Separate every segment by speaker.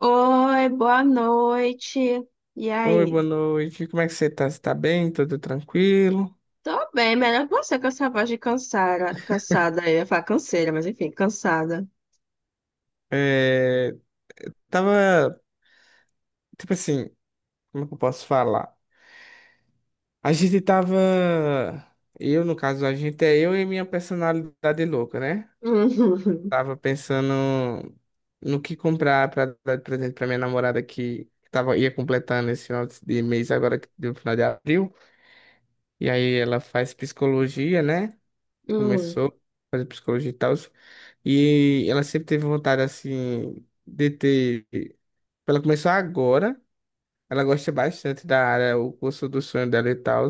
Speaker 1: Oi, boa noite. E
Speaker 2: Oi,
Speaker 1: aí?
Speaker 2: boa noite. Como é que você tá? Você tá bem? Tá tudo tranquilo?
Speaker 1: Tô bem, melhor que você com essa voz de cansada. Cansada, eu ia falar canseira, mas enfim, cansada.
Speaker 2: É, tava, tipo assim, como é que eu posso falar? A gente tava, eu no caso, a gente é eu e minha personalidade louca, né? Tava pensando no que comprar pra dar de presente pra minha namorada que tava, ia completando esse final de mês agora, que deu final de abril. E aí ela faz psicologia, né?
Speaker 1: Uhum. Hum.
Speaker 2: começou a fazer psicologia e tal. E ela sempre teve vontade, assim, de ter. Ela começou agora, ela gosta bastante da área, o curso do sonho dela e tal.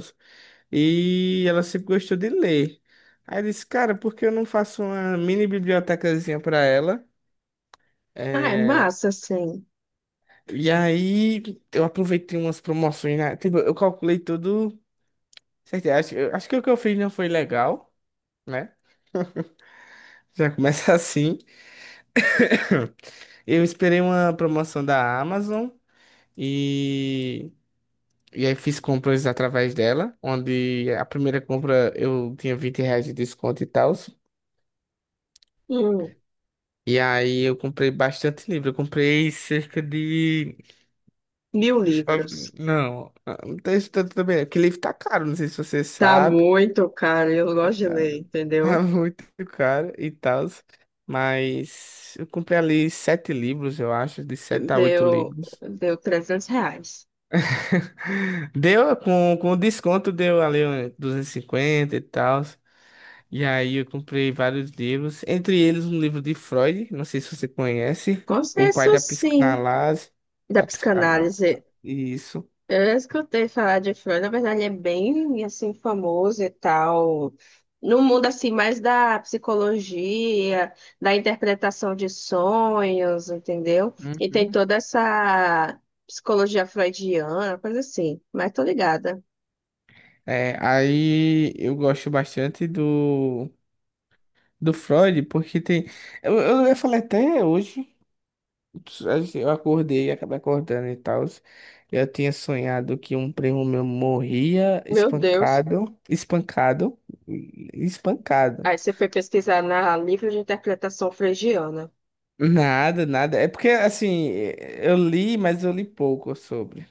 Speaker 2: E ela sempre gostou de ler. Aí eu disse, cara, por que eu não faço uma mini bibliotecazinha pra ela?
Speaker 1: Ah, é
Speaker 2: É,
Speaker 1: massa, sim.
Speaker 2: e aí eu aproveitei umas promoções, né? Tipo, eu calculei tudo certinho. Acho, acho que o que eu fiz não foi legal, né? Já começa assim. Eu esperei uma promoção da Amazon e, e aí fiz compras através dela, onde a primeira compra eu tinha R$ 20 de desconto e tal.
Speaker 1: Hum.
Speaker 2: E aí eu comprei bastante livro. Eu comprei cerca de.
Speaker 1: 1.000 livros.
Speaker 2: Não, não tem isso tanto também, não, porque livro tá caro, não sei se você
Speaker 1: Tá
Speaker 2: sabe.
Speaker 1: muito caro, eu gosto
Speaker 2: mas
Speaker 1: de
Speaker 2: Tá,
Speaker 1: ler,
Speaker 2: tá
Speaker 1: entendeu?
Speaker 2: muito caro e tal. Mas eu comprei ali sete livros, eu acho, de sete a oito
Speaker 1: Deu,
Speaker 2: livros.
Speaker 1: deu R$ 300.
Speaker 2: Deu com desconto, deu ali uns 250 e cinquenta e tal. E aí eu comprei vários livros, entre eles um livro de Freud, não sei se você conhece, O Pai
Speaker 1: Consenso, sim, da
Speaker 2: Da psicanálise,
Speaker 1: psicanálise.
Speaker 2: isso.
Speaker 1: Eu já escutei falar de Frozen, na verdade é bem assim famoso e tal. No mundo assim mais da psicologia, da interpretação de sonhos, entendeu? E tem
Speaker 2: Uhum.
Speaker 1: toda essa psicologia freudiana, coisa assim, mas tô ligada.
Speaker 2: É, aí eu gosto bastante do Freud, porque tem. Eu ia falar até hoje. Eu acordei e acabei acordando e tal. Eu tinha sonhado que um primo meu morria
Speaker 1: Meu Deus.
Speaker 2: espancado, espancado, espancado.
Speaker 1: Aí você foi pesquisar na livro de interpretação freudiana.
Speaker 2: Nada, nada. É porque, assim, eu li, mas eu li pouco sobre.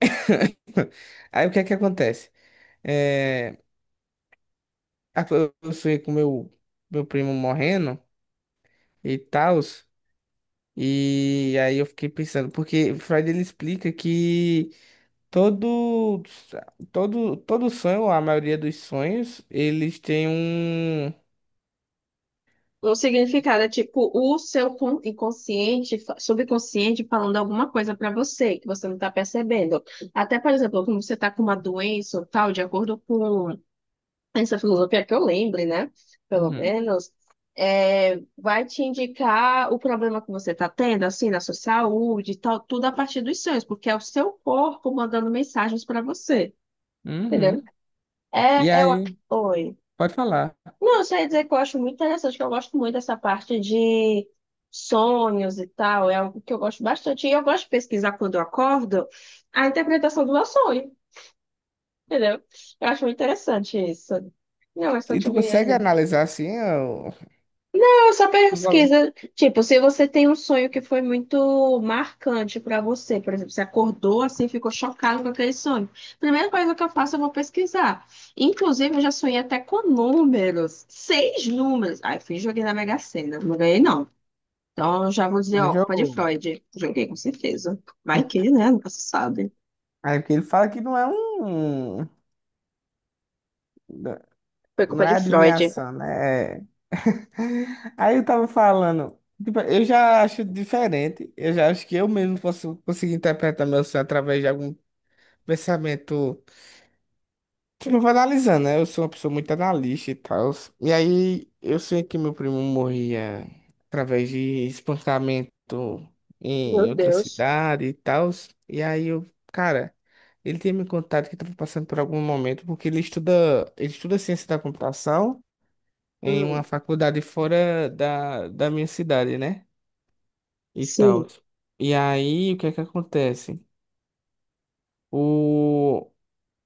Speaker 2: Aí o que é que acontece? É, a- eu sonhei com meu primo morrendo e tal. E aí eu fiquei pensando, porque Freud ele explica que. Todo, todo sonho, a maioria dos sonhos, eles têm um.
Speaker 1: O significado é tipo o seu inconsciente, subconsciente falando alguma coisa para você que você não está percebendo. Até, por exemplo, como você está com uma doença ou tal, de acordo com essa filosofia que eu lembre, né? Pelo
Speaker 2: Uhum,
Speaker 1: menos, vai te indicar o problema que você está tendo, assim, na sua saúde e tal, tudo a partir dos sonhos, porque é o seu corpo mandando mensagens para você, entendeu?
Speaker 2: uhum. E
Speaker 1: É o...
Speaker 2: aí,
Speaker 1: Oi.
Speaker 2: pode falar.
Speaker 1: Não, eu só ia dizer que eu acho muito interessante, que eu gosto muito dessa parte de sonhos e tal, é algo que eu gosto bastante. E eu gosto de pesquisar quando eu acordo a interpretação do meu sonho, entendeu? Eu acho muito interessante isso. Não, mas
Speaker 2: E tu
Speaker 1: continue aí.
Speaker 2: consegue analisar assim, ó,
Speaker 1: Eu só
Speaker 2: tu go-
Speaker 1: pesquisa, tipo, se você tem um sonho que foi muito marcante pra você, por exemplo, você acordou assim, ficou chocado com aquele sonho. Primeira coisa que eu faço, eu vou pesquisar. Inclusive, eu já sonhei até com números, seis números. Ai fui joguei na Mega Sena, não ganhei não. Então, eu já vou dizer, ó,
Speaker 2: mas
Speaker 1: culpa de
Speaker 2: eu,
Speaker 1: Freud. Joguei com certeza. Vai que, né? Nunca se sabe.
Speaker 2: aí porque ele fala que não é um,
Speaker 1: Foi
Speaker 2: não
Speaker 1: culpa
Speaker 2: é
Speaker 1: de Freud.
Speaker 2: adivinhação, né? É- Aí eu tava falando, tipo, eu já acho diferente, eu já acho que eu mesmo posso conseguir interpretar meu sonho através de algum pensamento. Eu vou analisando, né? Eu sou uma pessoa muito analista e tal. E aí, eu sei que meu primo morria através de espancamento
Speaker 1: Meu
Speaker 2: em outra
Speaker 1: Deus.
Speaker 2: cidade e tal. E aí, eu, cara, ele tinha me contado que estava passando por algum momento, porque ele estuda ciência da computação em uma
Speaker 1: Hum,
Speaker 2: faculdade fora da minha cidade, né? E tal.
Speaker 1: sim.
Speaker 2: E aí, o que é que acontece?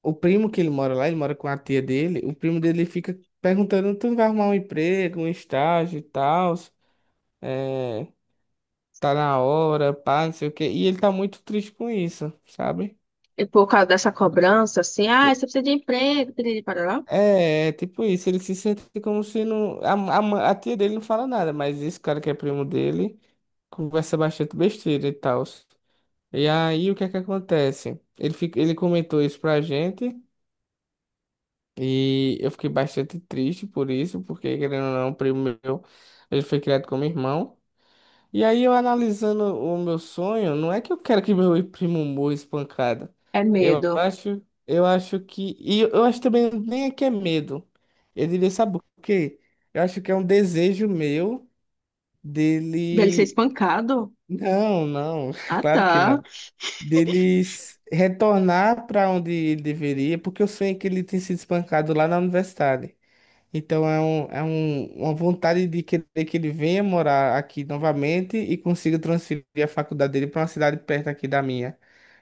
Speaker 2: O primo que ele mora lá, ele mora com a tia dele. O primo dele fica perguntando: tu não vai arrumar um emprego, um estágio e tal? É, tá na hora, pá, não sei o quê. E ele tá muito triste com isso, sabe?
Speaker 1: E por causa dessa cobrança, assim, ah, você precisa de emprego, piriri, parará.
Speaker 2: É, é tipo isso. Ele se sente como se não. A tia dele não fala nada, mas esse cara que é primo dele conversa bastante besteira e tal. E aí, o que é que acontece? Ele comentou isso pra gente. E eu fiquei bastante triste por isso, porque querendo ou não, um primo meu, ele foi criado como irmão. E aí eu analisando o meu sonho, não é que eu quero que meu primo morra espancado.
Speaker 1: É medo.
Speaker 2: Eu acho que, e eu acho também nem é que é medo. Eu diria, sabe por quê? Eu acho que é um desejo meu
Speaker 1: Dele ser
Speaker 2: dele,
Speaker 1: espancado?
Speaker 2: não, não,
Speaker 1: Ah,
Speaker 2: claro que
Speaker 1: tá.
Speaker 2: não. Dele retornar para onde ele deveria, porque eu sonhei que ele tem sido espancado lá na universidade. Então é, uma vontade de querer que ele venha morar aqui novamente e consiga transferir a faculdade dele para uma cidade perto aqui da minha.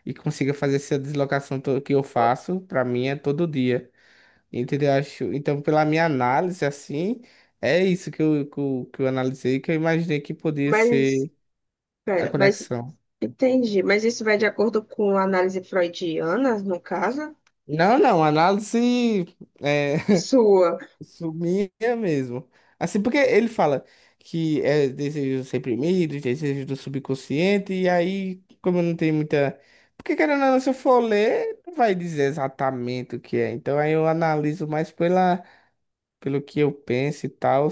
Speaker 2: E consiga fazer essa deslocação que eu faço, para mim é todo dia. Entendeu? Acho, então, pela minha análise, assim, é isso que eu analisei, que eu imaginei que podia
Speaker 1: Mas,
Speaker 2: ser a
Speaker 1: pera,
Speaker 2: conexão.
Speaker 1: entendi. Mas isso vai de acordo com a análise freudiana, no caso?
Speaker 2: Não, não, análise. É,
Speaker 1: Sua.
Speaker 2: Sumia mesmo. Assim, porque ele fala que é desejos reprimidos, desejos do subconsciente, e aí, como não tem muita. Porque querendo ou não, se eu for ler, não vai dizer exatamente o que é. Então aí eu analiso mais pela, pelo que eu penso e tal.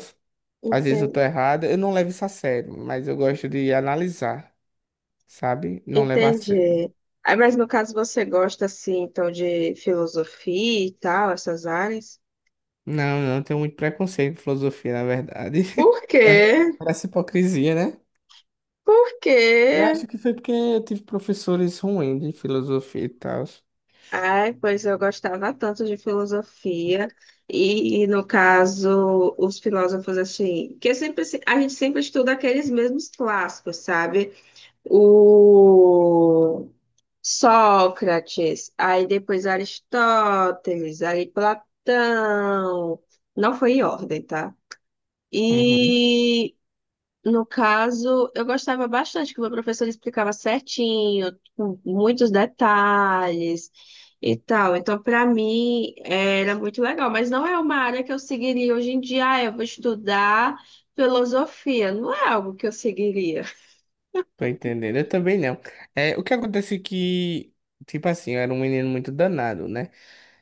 Speaker 2: Às vezes eu tô
Speaker 1: Entendi.
Speaker 2: errado, eu não levo isso a sério, mas eu gosto de analisar, sabe? Não levar a sério.
Speaker 1: Entendi. Aí, mas no caso você gosta, assim, então, de filosofia e tal, essas áreas?
Speaker 2: Não, não, eu tenho muito preconceito com filosofia, na verdade.
Speaker 1: Por
Speaker 2: É,
Speaker 1: quê?
Speaker 2: parece hipocrisia, né?
Speaker 1: Por
Speaker 2: Eu
Speaker 1: quê?
Speaker 2: acho que foi porque eu tive professores ruins de filosofia e tal.
Speaker 1: Ai, pois eu gostava tanto de filosofia, e, no caso, os filósofos assim, que sempre a gente sempre estuda aqueles mesmos clássicos, sabe? O Sócrates, aí depois Aristóteles, aí Platão, não foi em ordem, tá?
Speaker 2: Uhum.
Speaker 1: E no caso, eu gostava bastante que o meu professor explicava certinho, com muitos detalhes e tal. Então, para mim, era muito legal. Mas não é uma área que eu seguiria hoje em dia. Ah, eu vou estudar filosofia. Não é algo que eu seguiria
Speaker 2: Tô entendendo. Eu também não. É, o que acontece é que, tipo assim, eu era um menino muito danado, né?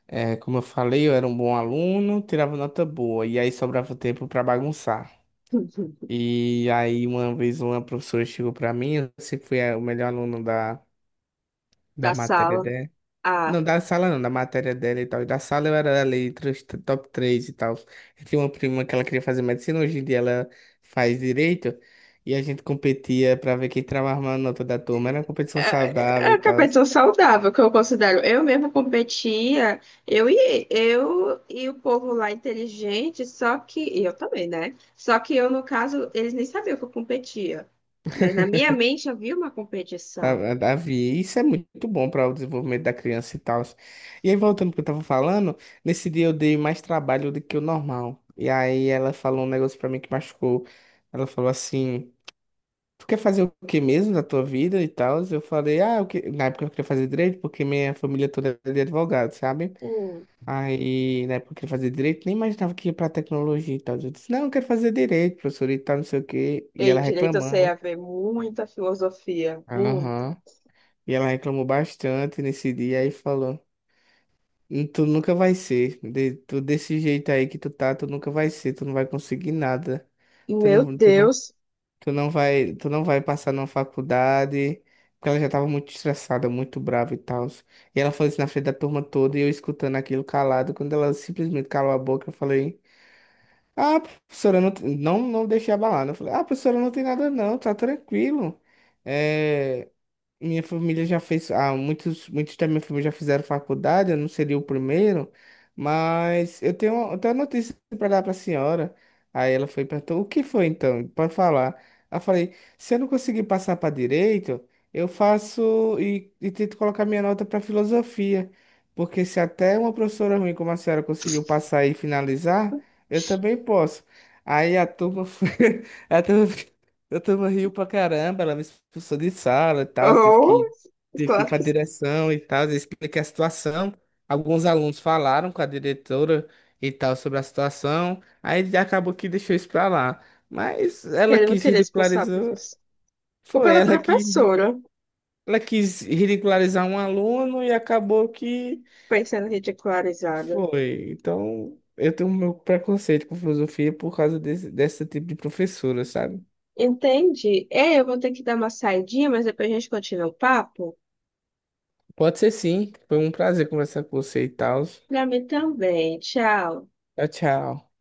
Speaker 2: É, como eu falei, eu era um bom aluno, tirava nota boa, e aí sobrava tempo pra bagunçar. E aí, uma vez, uma professora chegou pra mim, eu sempre fui o melhor aluno da, da
Speaker 1: da
Speaker 2: matéria.
Speaker 1: sala. Ah,
Speaker 2: Não, da sala não, da matéria dela e tal. E da sala eu era ali entre os top 3 e tal. Eu tinha uma prima que ela queria fazer medicina, hoje em dia ela faz direito. E a gente competia pra ver quem tirava a maior nota da turma. Era uma competição
Speaker 1: é
Speaker 2: saudável e
Speaker 1: uma
Speaker 2: tal.
Speaker 1: competição saudável que eu considero. Eu mesma competia, eu e o povo lá inteligente, só que e eu também, né? Só que eu, no caso, eles nem sabiam que eu competia. Mas na minha mente havia uma competição.
Speaker 2: Tá- Havia. Isso é muito bom para o desenvolvimento da criança e tal. E aí, voltando ao que eu tava falando, nesse dia eu dei mais trabalho do que o normal. E aí ela falou um negócio para mim que machucou. Ela falou assim. Tu quer fazer o que mesmo na tua vida e tal? Eu falei, ah, eu que... na época eu queria fazer direito, porque minha família toda é de advogado, sabe?
Speaker 1: Hum.
Speaker 2: Aí, na época eu queria fazer direito, nem imaginava que ia pra tecnologia e tal. Eu disse, não, eu quero fazer direito, professor e tal, não sei o quê. E ela
Speaker 1: Em direito você
Speaker 2: reclamando.
Speaker 1: ia ver muita filosofia, muita.
Speaker 2: Aham. E ela reclamou bastante nesse dia, aí falou, tu nunca vai ser, de... tu desse jeito aí que tu tá, tu nunca vai ser, tu não vai conseguir nada. Tu
Speaker 1: Meu
Speaker 2: não, tu não
Speaker 1: Deus.
Speaker 2: tu não vai passar numa faculdade, porque ela já tava muito estressada, muito brava e tal. E ela falou isso na frente da turma toda e eu escutando aquilo calado. Quando ela simplesmente calou a boca, eu falei: Ah, professora, não, não deixei abalar. Né? Eu falei: Ah, professora, não tem nada não, tá tranquilo. É, minha família já fez, muitos da minha família já fizeram faculdade, eu não seria o primeiro, mas eu tenho uma notícia para dar para a senhora. Aí ela foi e perguntou, o que foi então? Pode falar. Eu falei, se eu não conseguir passar para direito, eu faço e tento colocar minha nota para filosofia, porque se até uma professora ruim como a senhora conseguiu passar e finalizar, eu também posso. Aí a turma foi, a turma riu pra caramba, ela me expulsou de sala e tal,
Speaker 1: Oh,
Speaker 2: tive que ir
Speaker 1: claro
Speaker 2: pra
Speaker 1: que
Speaker 2: direção e tal, eu expliquei a situação. Alguns alunos falaram com a diretora e tal sobre a situação, aí já acabou que deixou isso pra lá. Mas ela
Speaker 1: ele não
Speaker 2: quis
Speaker 1: queria expulsar a
Speaker 2: ridicularizar,
Speaker 1: professora. Culpa
Speaker 2: foi
Speaker 1: da
Speaker 2: ela que
Speaker 1: professora,
Speaker 2: ela quis ridicularizar um aluno e acabou que
Speaker 1: foi sendo ridicularizada.
Speaker 2: foi. Então, eu tenho meu preconceito com filosofia por causa desse, desse tipo de professora, sabe?
Speaker 1: Entende? É, eu vou ter que dar uma saidinha, mas depois a gente continua o papo.
Speaker 2: Pode ser sim, foi um prazer conversar com você e tal.
Speaker 1: Pra mim também. Tchau.
Speaker 2: Tchau, tchau.